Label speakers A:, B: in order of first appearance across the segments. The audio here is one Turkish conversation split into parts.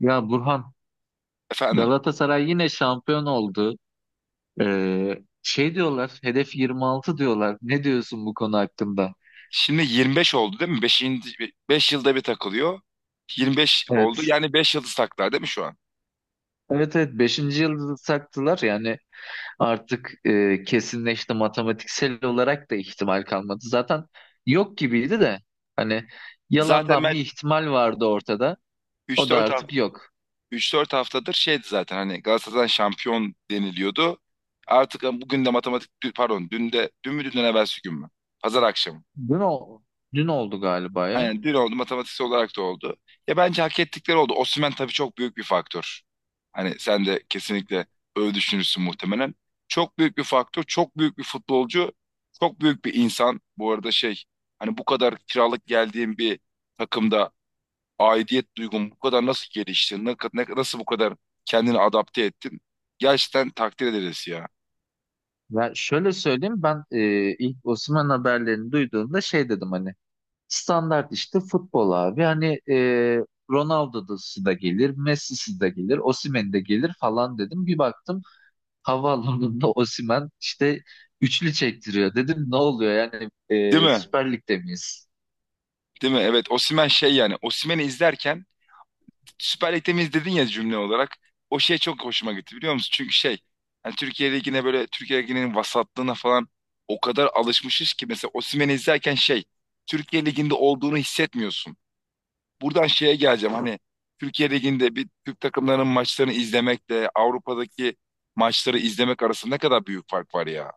A: Ya Burhan,
B: Efendim.
A: Galatasaray yine şampiyon oldu. Diyorlar, hedef 26 diyorlar. Ne diyorsun bu konu hakkında?
B: Şimdi 25 oldu değil mi? 5 yılda bir takılıyor. 25 oldu.
A: Evet.
B: Yani 5 yıldız taklar değil mi şu an?
A: Evet, evet, beşinci yıldızı taktılar yani artık kesinleşti, matematiksel olarak da ihtimal kalmadı. Zaten yok gibiydi de hani
B: Zaten
A: yalandan
B: ben
A: bir ihtimal vardı ortada.
B: üç
A: O da
B: dört hafta
A: artık yok.
B: üç dört haftadır şeydi zaten hani Galatasaray'dan şampiyon deniliyordu. Artık bugün de matematik pardon dün de dün mü dünden evvelsi gün mü? Pazar akşamı.
A: Dün, o, dün oldu galiba ya.
B: Aynen dün oldu, matematiksel olarak da oldu. Ya bence hak ettikleri oldu. Osimhen tabii çok büyük bir faktör. Hani sen de kesinlikle öyle düşünürsün muhtemelen. Çok büyük bir faktör, çok büyük bir futbolcu, çok büyük bir insan. Bu arada şey, hani bu kadar kiralık geldiğim bir takımda aidiyet duygun bu kadar nasıl gelişti? Nasıl bu kadar kendini adapte ettin? Gerçekten takdir ederiz ya.
A: Ya şöyle söyleyeyim ben, ilk Osimhen haberlerini duyduğumda dedim hani. Standart işte futbol abi. Hani Ronaldo'su da gelir, Messi'si de gelir, Osimhen de gelir falan dedim. Bir baktım havaalanında Osimhen işte üçlü çektiriyor. Dedim ne oluyor yani,
B: Değil mi?
A: Süper Lig'de miyiz?
B: Değil mi? Evet, Osimhen şey, yani Osimhen'i izlerken Süper Lig'de miyiz dedin ya, cümle olarak. O şey çok hoşuma gitti, biliyor musun? Çünkü şey, hani Türkiye Ligi'ne, böyle Türkiye Ligi'nin vasatlığına falan o kadar alışmışız ki mesela Osimhen'i izlerken şey, Türkiye Ligi'nde olduğunu hissetmiyorsun. Buradan şeye geleceğim, hani Türkiye Ligi'nde bir Türk takımlarının maçlarını izlemekle Avrupa'daki maçları izlemek arasında ne kadar büyük fark var ya.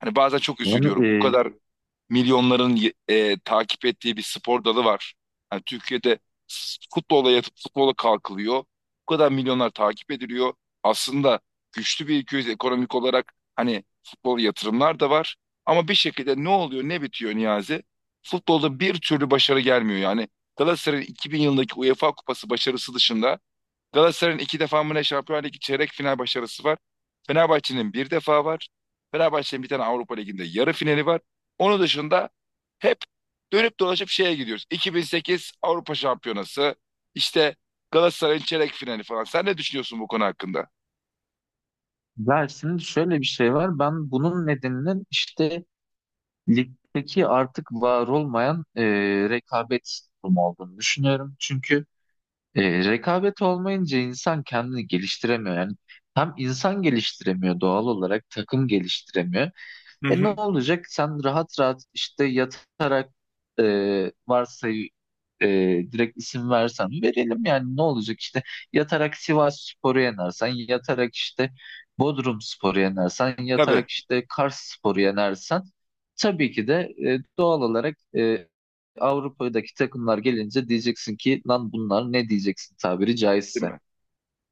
B: Hani bazen çok
A: Yani,
B: üzülüyorum. Bu
A: e,
B: kadar milyonların takip ettiği bir spor dalı var. Hani Türkiye'de futbola yatıp futbola kalkılıyor. Bu kadar milyonlar takip ediliyor. Aslında güçlü bir ülkeyiz ekonomik olarak. Hani futbol yatırımlar da var. Ama bir şekilde ne oluyor ne bitiyor Niyazi? Futbolda bir türlü başarı gelmiyor yani. Galatasaray'ın 2000 yılındaki UEFA Kupası başarısı dışında Galatasaray'ın iki defa mı ne Şampiyonlar Ligi çeyrek final başarısı var. Fenerbahçe'nin bir defa var. Fenerbahçe'nin bir tane Avrupa Ligi'nde yarı finali var. Onun dışında hep dönüp dolaşıp şeye gidiyoruz. 2008 Avrupa Şampiyonası, işte Galatasaray'ın çeyrek finali falan. Sen ne düşünüyorsun bu konu hakkında?
A: ya şimdi şöyle bir şey var. Ben bunun nedeninin işte ligdeki artık var olmayan rekabet durumu olduğunu düşünüyorum. Çünkü rekabet olmayınca insan kendini geliştiremiyor. Yani hem insan geliştiremiyor doğal olarak, takım geliştiremiyor.
B: Hı
A: E, ne
B: hı.
A: olacak? Sen rahat rahat işte yatarak, e, varsayı e, direkt isim versen verelim yani ne olacak, işte yatarak Sivas Spor'u yenersen, yatarak işte Bodrum Spor'u yenersen,
B: Tabii,
A: yatarak işte Kars Spor'u yenersen tabii ki de doğal olarak Avrupa'daki takımlar gelince diyeceksin ki lan bunlar ne, diyeceksin tabiri
B: değil
A: caizse.
B: mi?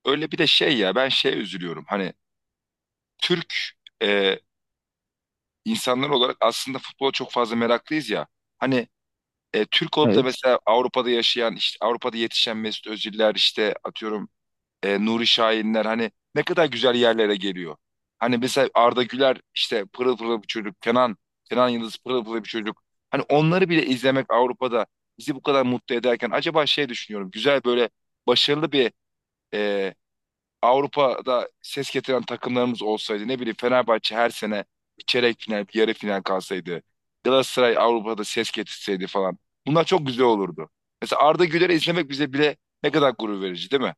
B: Öyle bir de şey ya, ben şeye üzülüyorum. Hani Türk e, insanlar olarak aslında futbola çok fazla meraklıyız ya. Hani Türk olup da
A: Evet.
B: mesela Avrupa'da yaşayan, işte Avrupa'da yetişen Mesut Özil'ler, işte atıyorum Nuri Şahinler hani ne kadar güzel yerlere geliyor. Hani mesela Arda Güler işte pırıl pırıl bir çocuk, Kenan Yıldız pırıl pırıl bir çocuk. Hani onları bile izlemek Avrupa'da bizi bu kadar mutlu ederken acaba şey düşünüyorum, güzel böyle başarılı bir e, Avrupa'da ses getiren takımlarımız olsaydı, ne bileyim Fenerbahçe her sene bir çeyrek final, bir yarı final kalsaydı. Galatasaray Avrupa'da ses getirseydi falan. Bunlar çok güzel olurdu. Mesela Arda Güler'i izlemek bize bile ne kadar gurur verici değil mi?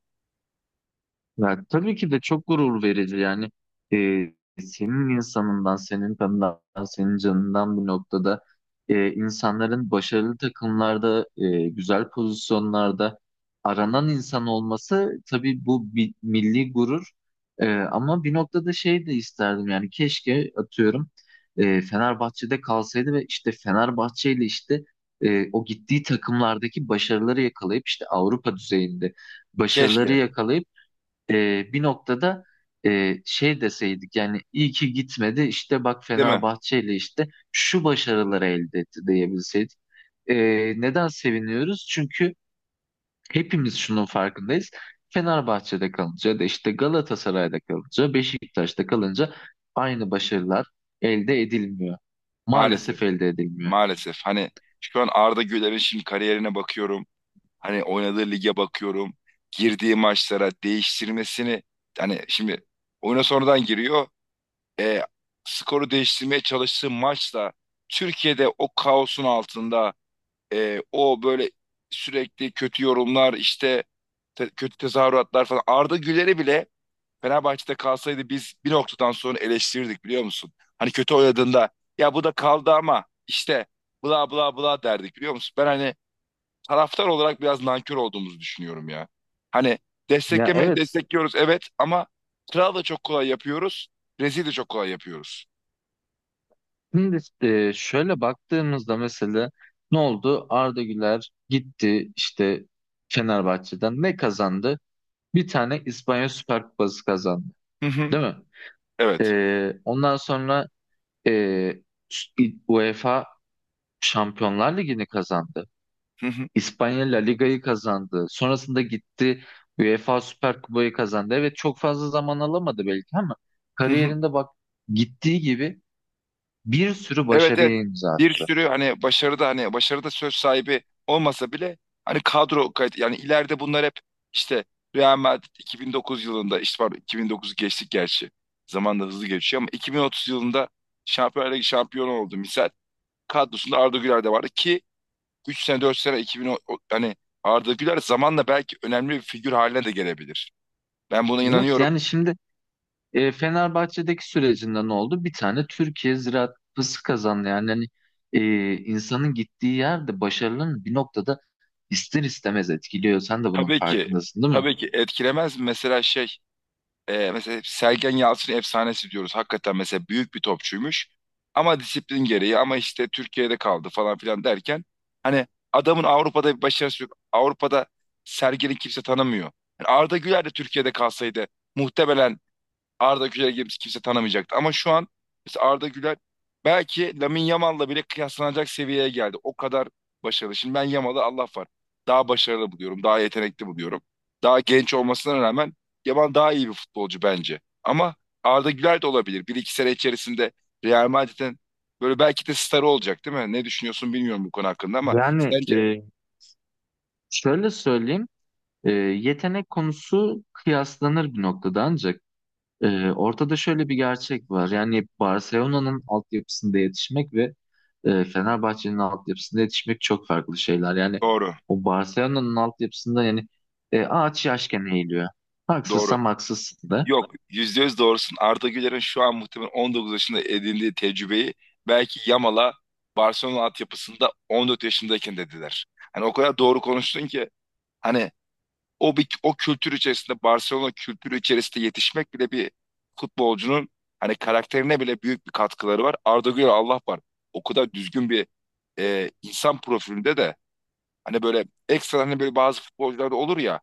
A: Ya, tabii ki de çok gurur verici yani. Ee, senin insanından, senin kanından, senin canından bu noktada insanların başarılı takımlarda, güzel pozisyonlarda aranan insan olması tabii bu bir milli gurur. Ama bir noktada şey de isterdim yani, keşke atıyorum Fenerbahçe'de kalsaydı ve işte Fenerbahçe ile işte o gittiği takımlardaki başarıları yakalayıp, işte Avrupa düzeyinde başarıları
B: Keşke,
A: yakalayıp bir noktada şey deseydik yani, iyi ki gitmedi işte, bak
B: değil mi?
A: Fenerbahçe ile işte şu başarıları elde etti diyebilseydik. E, neden seviniyoruz? Çünkü hepimiz şunun farkındayız. Fenerbahçe'de kalınca ya da işte Galatasaray'da kalınca, Beşiktaş'ta kalınca aynı başarılar elde edilmiyor.
B: Maalesef.
A: Maalesef elde edilmiyor.
B: Maalesef. Hani şu an Arda Güler'in şimdi kariyerine bakıyorum. Hani oynadığı lige bakıyorum. Girdiği maçlara değiştirmesini, hani şimdi oyuna sonradan giriyor. e, Skoru değiştirmeye çalıştığı maçla Türkiye'de o kaosun altında o böyle sürekli kötü yorumlar, işte kötü tezahüratlar falan, Arda Güler'i bile Fenerbahçe'de kalsaydı biz bir noktadan sonra eleştirirdik, biliyor musun? Hani kötü oynadığında ya bu da kaldı ama işte bla bla bla derdik, biliyor musun? Ben hani taraftar olarak biraz nankör olduğumuzu düşünüyorum ya. Hani
A: Ya
B: desteklemeye
A: evet.
B: destekliyoruz, evet, ama kral da çok kolay yapıyoruz, rezil de çok kolay yapıyoruz.
A: Şimdi şöyle baktığımızda mesela ne oldu? Arda Güler gitti işte Fenerbahçe'den. Ne kazandı? Bir tane İspanya Süper Kupası kazandı.
B: Hı hı.
A: Değil mi?
B: Evet.
A: Ondan sonra, e, UEFA Şampiyonlar Ligi'ni kazandı.
B: Hı hı.
A: İspanya La Liga'yı kazandı. Sonrasında gitti, UEFA Süper Kupayı kazandı. Evet, çok fazla zaman alamadı belki ama
B: Hı hı.
A: kariyerinde bak, gittiği gibi bir sürü
B: Evet, evet.
A: başarıya imza
B: Bir
A: attı.
B: sürü hani başarıda söz sahibi olmasa bile hani kadro kayıt, yani ileride bunlar hep işte, Real Madrid 2009 yılında işte pardon, 2009 geçtik gerçi. Zaman da hızlı geçiyor, ama 2030 yılında Şampiyonlar Ligi şampiyonu oldu misal. Kadrosunda Arda Güler de vardı ki 3 sene 4 sene 2010 hani Arda Güler zamanla belki önemli bir figür haline de gelebilir. Ben buna
A: Evet,
B: inanıyorum.
A: yani şimdi Fenerbahçe'deki sürecinde ne oldu? Bir tane Türkiye Ziraat Kupası kazandı. Yani hani, insanın gittiği yerde başarının bir noktada ister istemez etkiliyor. Sen de bunun
B: Tabii ki
A: farkındasın, değil mi?
B: tabii ki etkilemez mi? Mesela şey. Mesela Sergen Yalçın efsanesi diyoruz. Hakikaten mesela büyük bir topçuymuş. Ama disiplin gereği, ama işte Türkiye'de kaldı falan filan derken hani adamın Avrupa'da bir başarısı yok. Avrupa'da Sergen'i kimse tanımıyor. Yani Arda Güler de Türkiye'de kalsaydı muhtemelen Arda Güler gibi kimse tanımayacaktı. Ama şu an mesela Arda Güler belki Lamine Yamal'la bile kıyaslanacak seviyeye geldi. O kadar başarılı. Şimdi ben Yamal'ı, Allah var, daha başarılı buluyorum. Daha yetenekli buluyorum. Daha genç olmasına rağmen Yamal daha iyi bir futbolcu bence. Ama Arda Güler de olabilir. Bir iki sene içerisinde Real Madrid'in böyle belki de starı olacak, değil mi? Ne düşünüyorsun bilmiyorum bu konu hakkında ama
A: Yani,
B: sence
A: şöyle söyleyeyim, yetenek konusu kıyaslanır bir noktada ancak. Ortada şöyle bir gerçek var. Yani Barcelona'nın altyapısında yetişmek ve Fenerbahçe'nin altyapısında yetişmek çok farklı şeyler. Yani
B: doğru.
A: o Barcelona'nın altyapısında yani ağaç yaşken eğiliyor.
B: Doğru.
A: Haksızsam haksızsın da.
B: Yok, %100 doğrusun. Arda Güler'in şu an muhtemelen 19 yaşında edindiği tecrübeyi belki Yamal'a Barcelona altyapısında 14 yaşındayken dediler. Hani o kadar doğru konuştun ki hani o bir, o kültür içerisinde, Barcelona kültürü içerisinde yetişmek bile bir futbolcunun hani karakterine bile büyük bir katkıları var. Arda Güler, Allah var, o kadar düzgün bir insan profilinde de, hani böyle ekstra, hani böyle bazı futbolcularda olur ya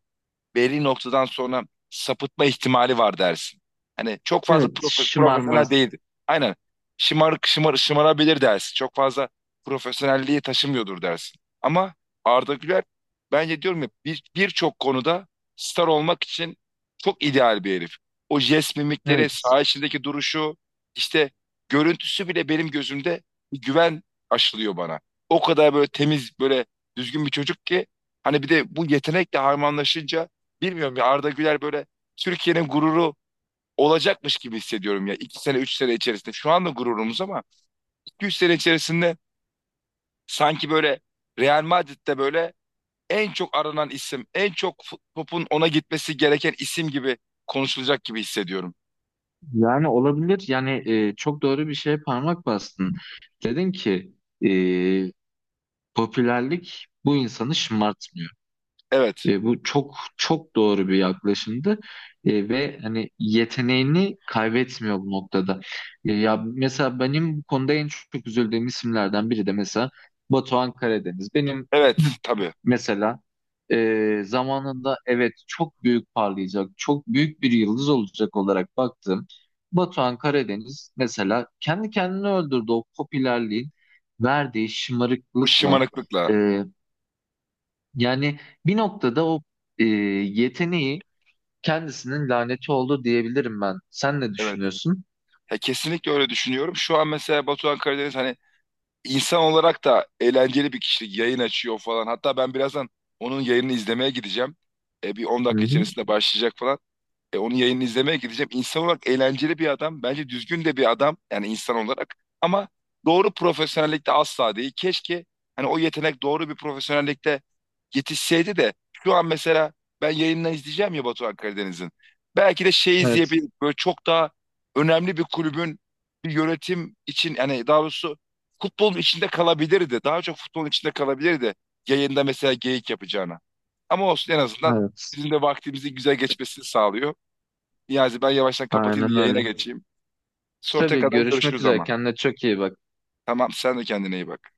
B: belli noktadan sonra sapıtma ihtimali var dersin. Hani çok fazla
A: Evet,
B: profesyonel
A: şımarmaz.
B: değildi. Aynen. Şımarabilir dersin. Çok fazla profesyonelliği taşımıyordur dersin. Ama Arda Güler bence, diyorum ya, birçok konuda star olmak için çok ideal bir herif. O jest mimikleri,
A: Evet.
B: saha içindeki duruşu, işte görüntüsü bile benim gözümde bir güven aşılıyor bana. O kadar böyle temiz, böyle düzgün bir çocuk ki hani bir de bu yetenekle harmanlaşınca, bilmiyorum ya, Arda Güler böyle Türkiye'nin gururu olacakmış gibi hissediyorum ya. İki sene, üç sene içerisinde. Şu anda gururumuz, ama iki, üç sene içerisinde sanki böyle Real Madrid'de böyle en çok aranan isim, en çok topun ona gitmesi gereken isim gibi konuşulacak gibi hissediyorum.
A: Yani olabilir. Yani çok doğru bir şeye parmak bastın. Dedin ki e, popülerlik bu insanı şımartmıyor.
B: Evet,
A: Bu çok çok doğru bir yaklaşımdı. Ve hani yeteneğini kaybetmiyor bu noktada. Ya mesela benim bu konuda en çok üzüldüğüm isimlerden biri de mesela Batuhan Karadeniz. Benim
B: evet, tabii.
A: mesela zamanında evet çok büyük parlayacak, çok büyük bir yıldız olacak olarak baktığım Batuhan Karadeniz mesela kendi kendini öldürdü o popülerliğin verdiği
B: O
A: şımarıklıkla.
B: şımarıklıkla.
A: E, yani bir noktada o yeteneği kendisinin laneti oldu diyebilirim ben. Sen ne
B: Evet.
A: düşünüyorsun?
B: Ya kesinlikle öyle düşünüyorum. Şu an mesela Batuhan Karadeniz, hani insan olarak da eğlenceli bir kişilik, yayın açıyor falan. Hatta ben birazdan onun yayınını izlemeye gideceğim. E, bir on
A: Hı
B: dakika
A: hı.
B: içerisinde başlayacak falan. E, onun yayınını izlemeye gideceğim. İnsan olarak eğlenceli bir adam. Bence düzgün de bir adam, yani insan olarak. Ama doğru profesyonellikte asla değil. Keşke hani o yetenek doğru bir profesyonellikte yetişseydi de şu an mesela, ben yayından izleyeceğim ya Batuhan Karadeniz'in, belki de şey
A: Evet,
B: izleyebilir, böyle çok daha önemli bir kulübün bir yönetim için, yani daha doğrusu, futbolun içinde kalabilirdi. Daha çok futbolun içinde kalabilirdi. Yayında mesela geyik yapacağına. Ama olsun, en azından
A: evet.
B: bizim de vaktimizi güzel geçmesini sağlıyor. Niyazi, ben yavaştan kapatayım da
A: Aynen
B: yayına
A: öyle.
B: geçeyim. Sonra
A: Tabii,
B: tekrardan
A: görüşmek
B: görüşürüz
A: üzere.
B: ama.
A: Kendine çok iyi bak.
B: Tamam, sen de kendine iyi bak.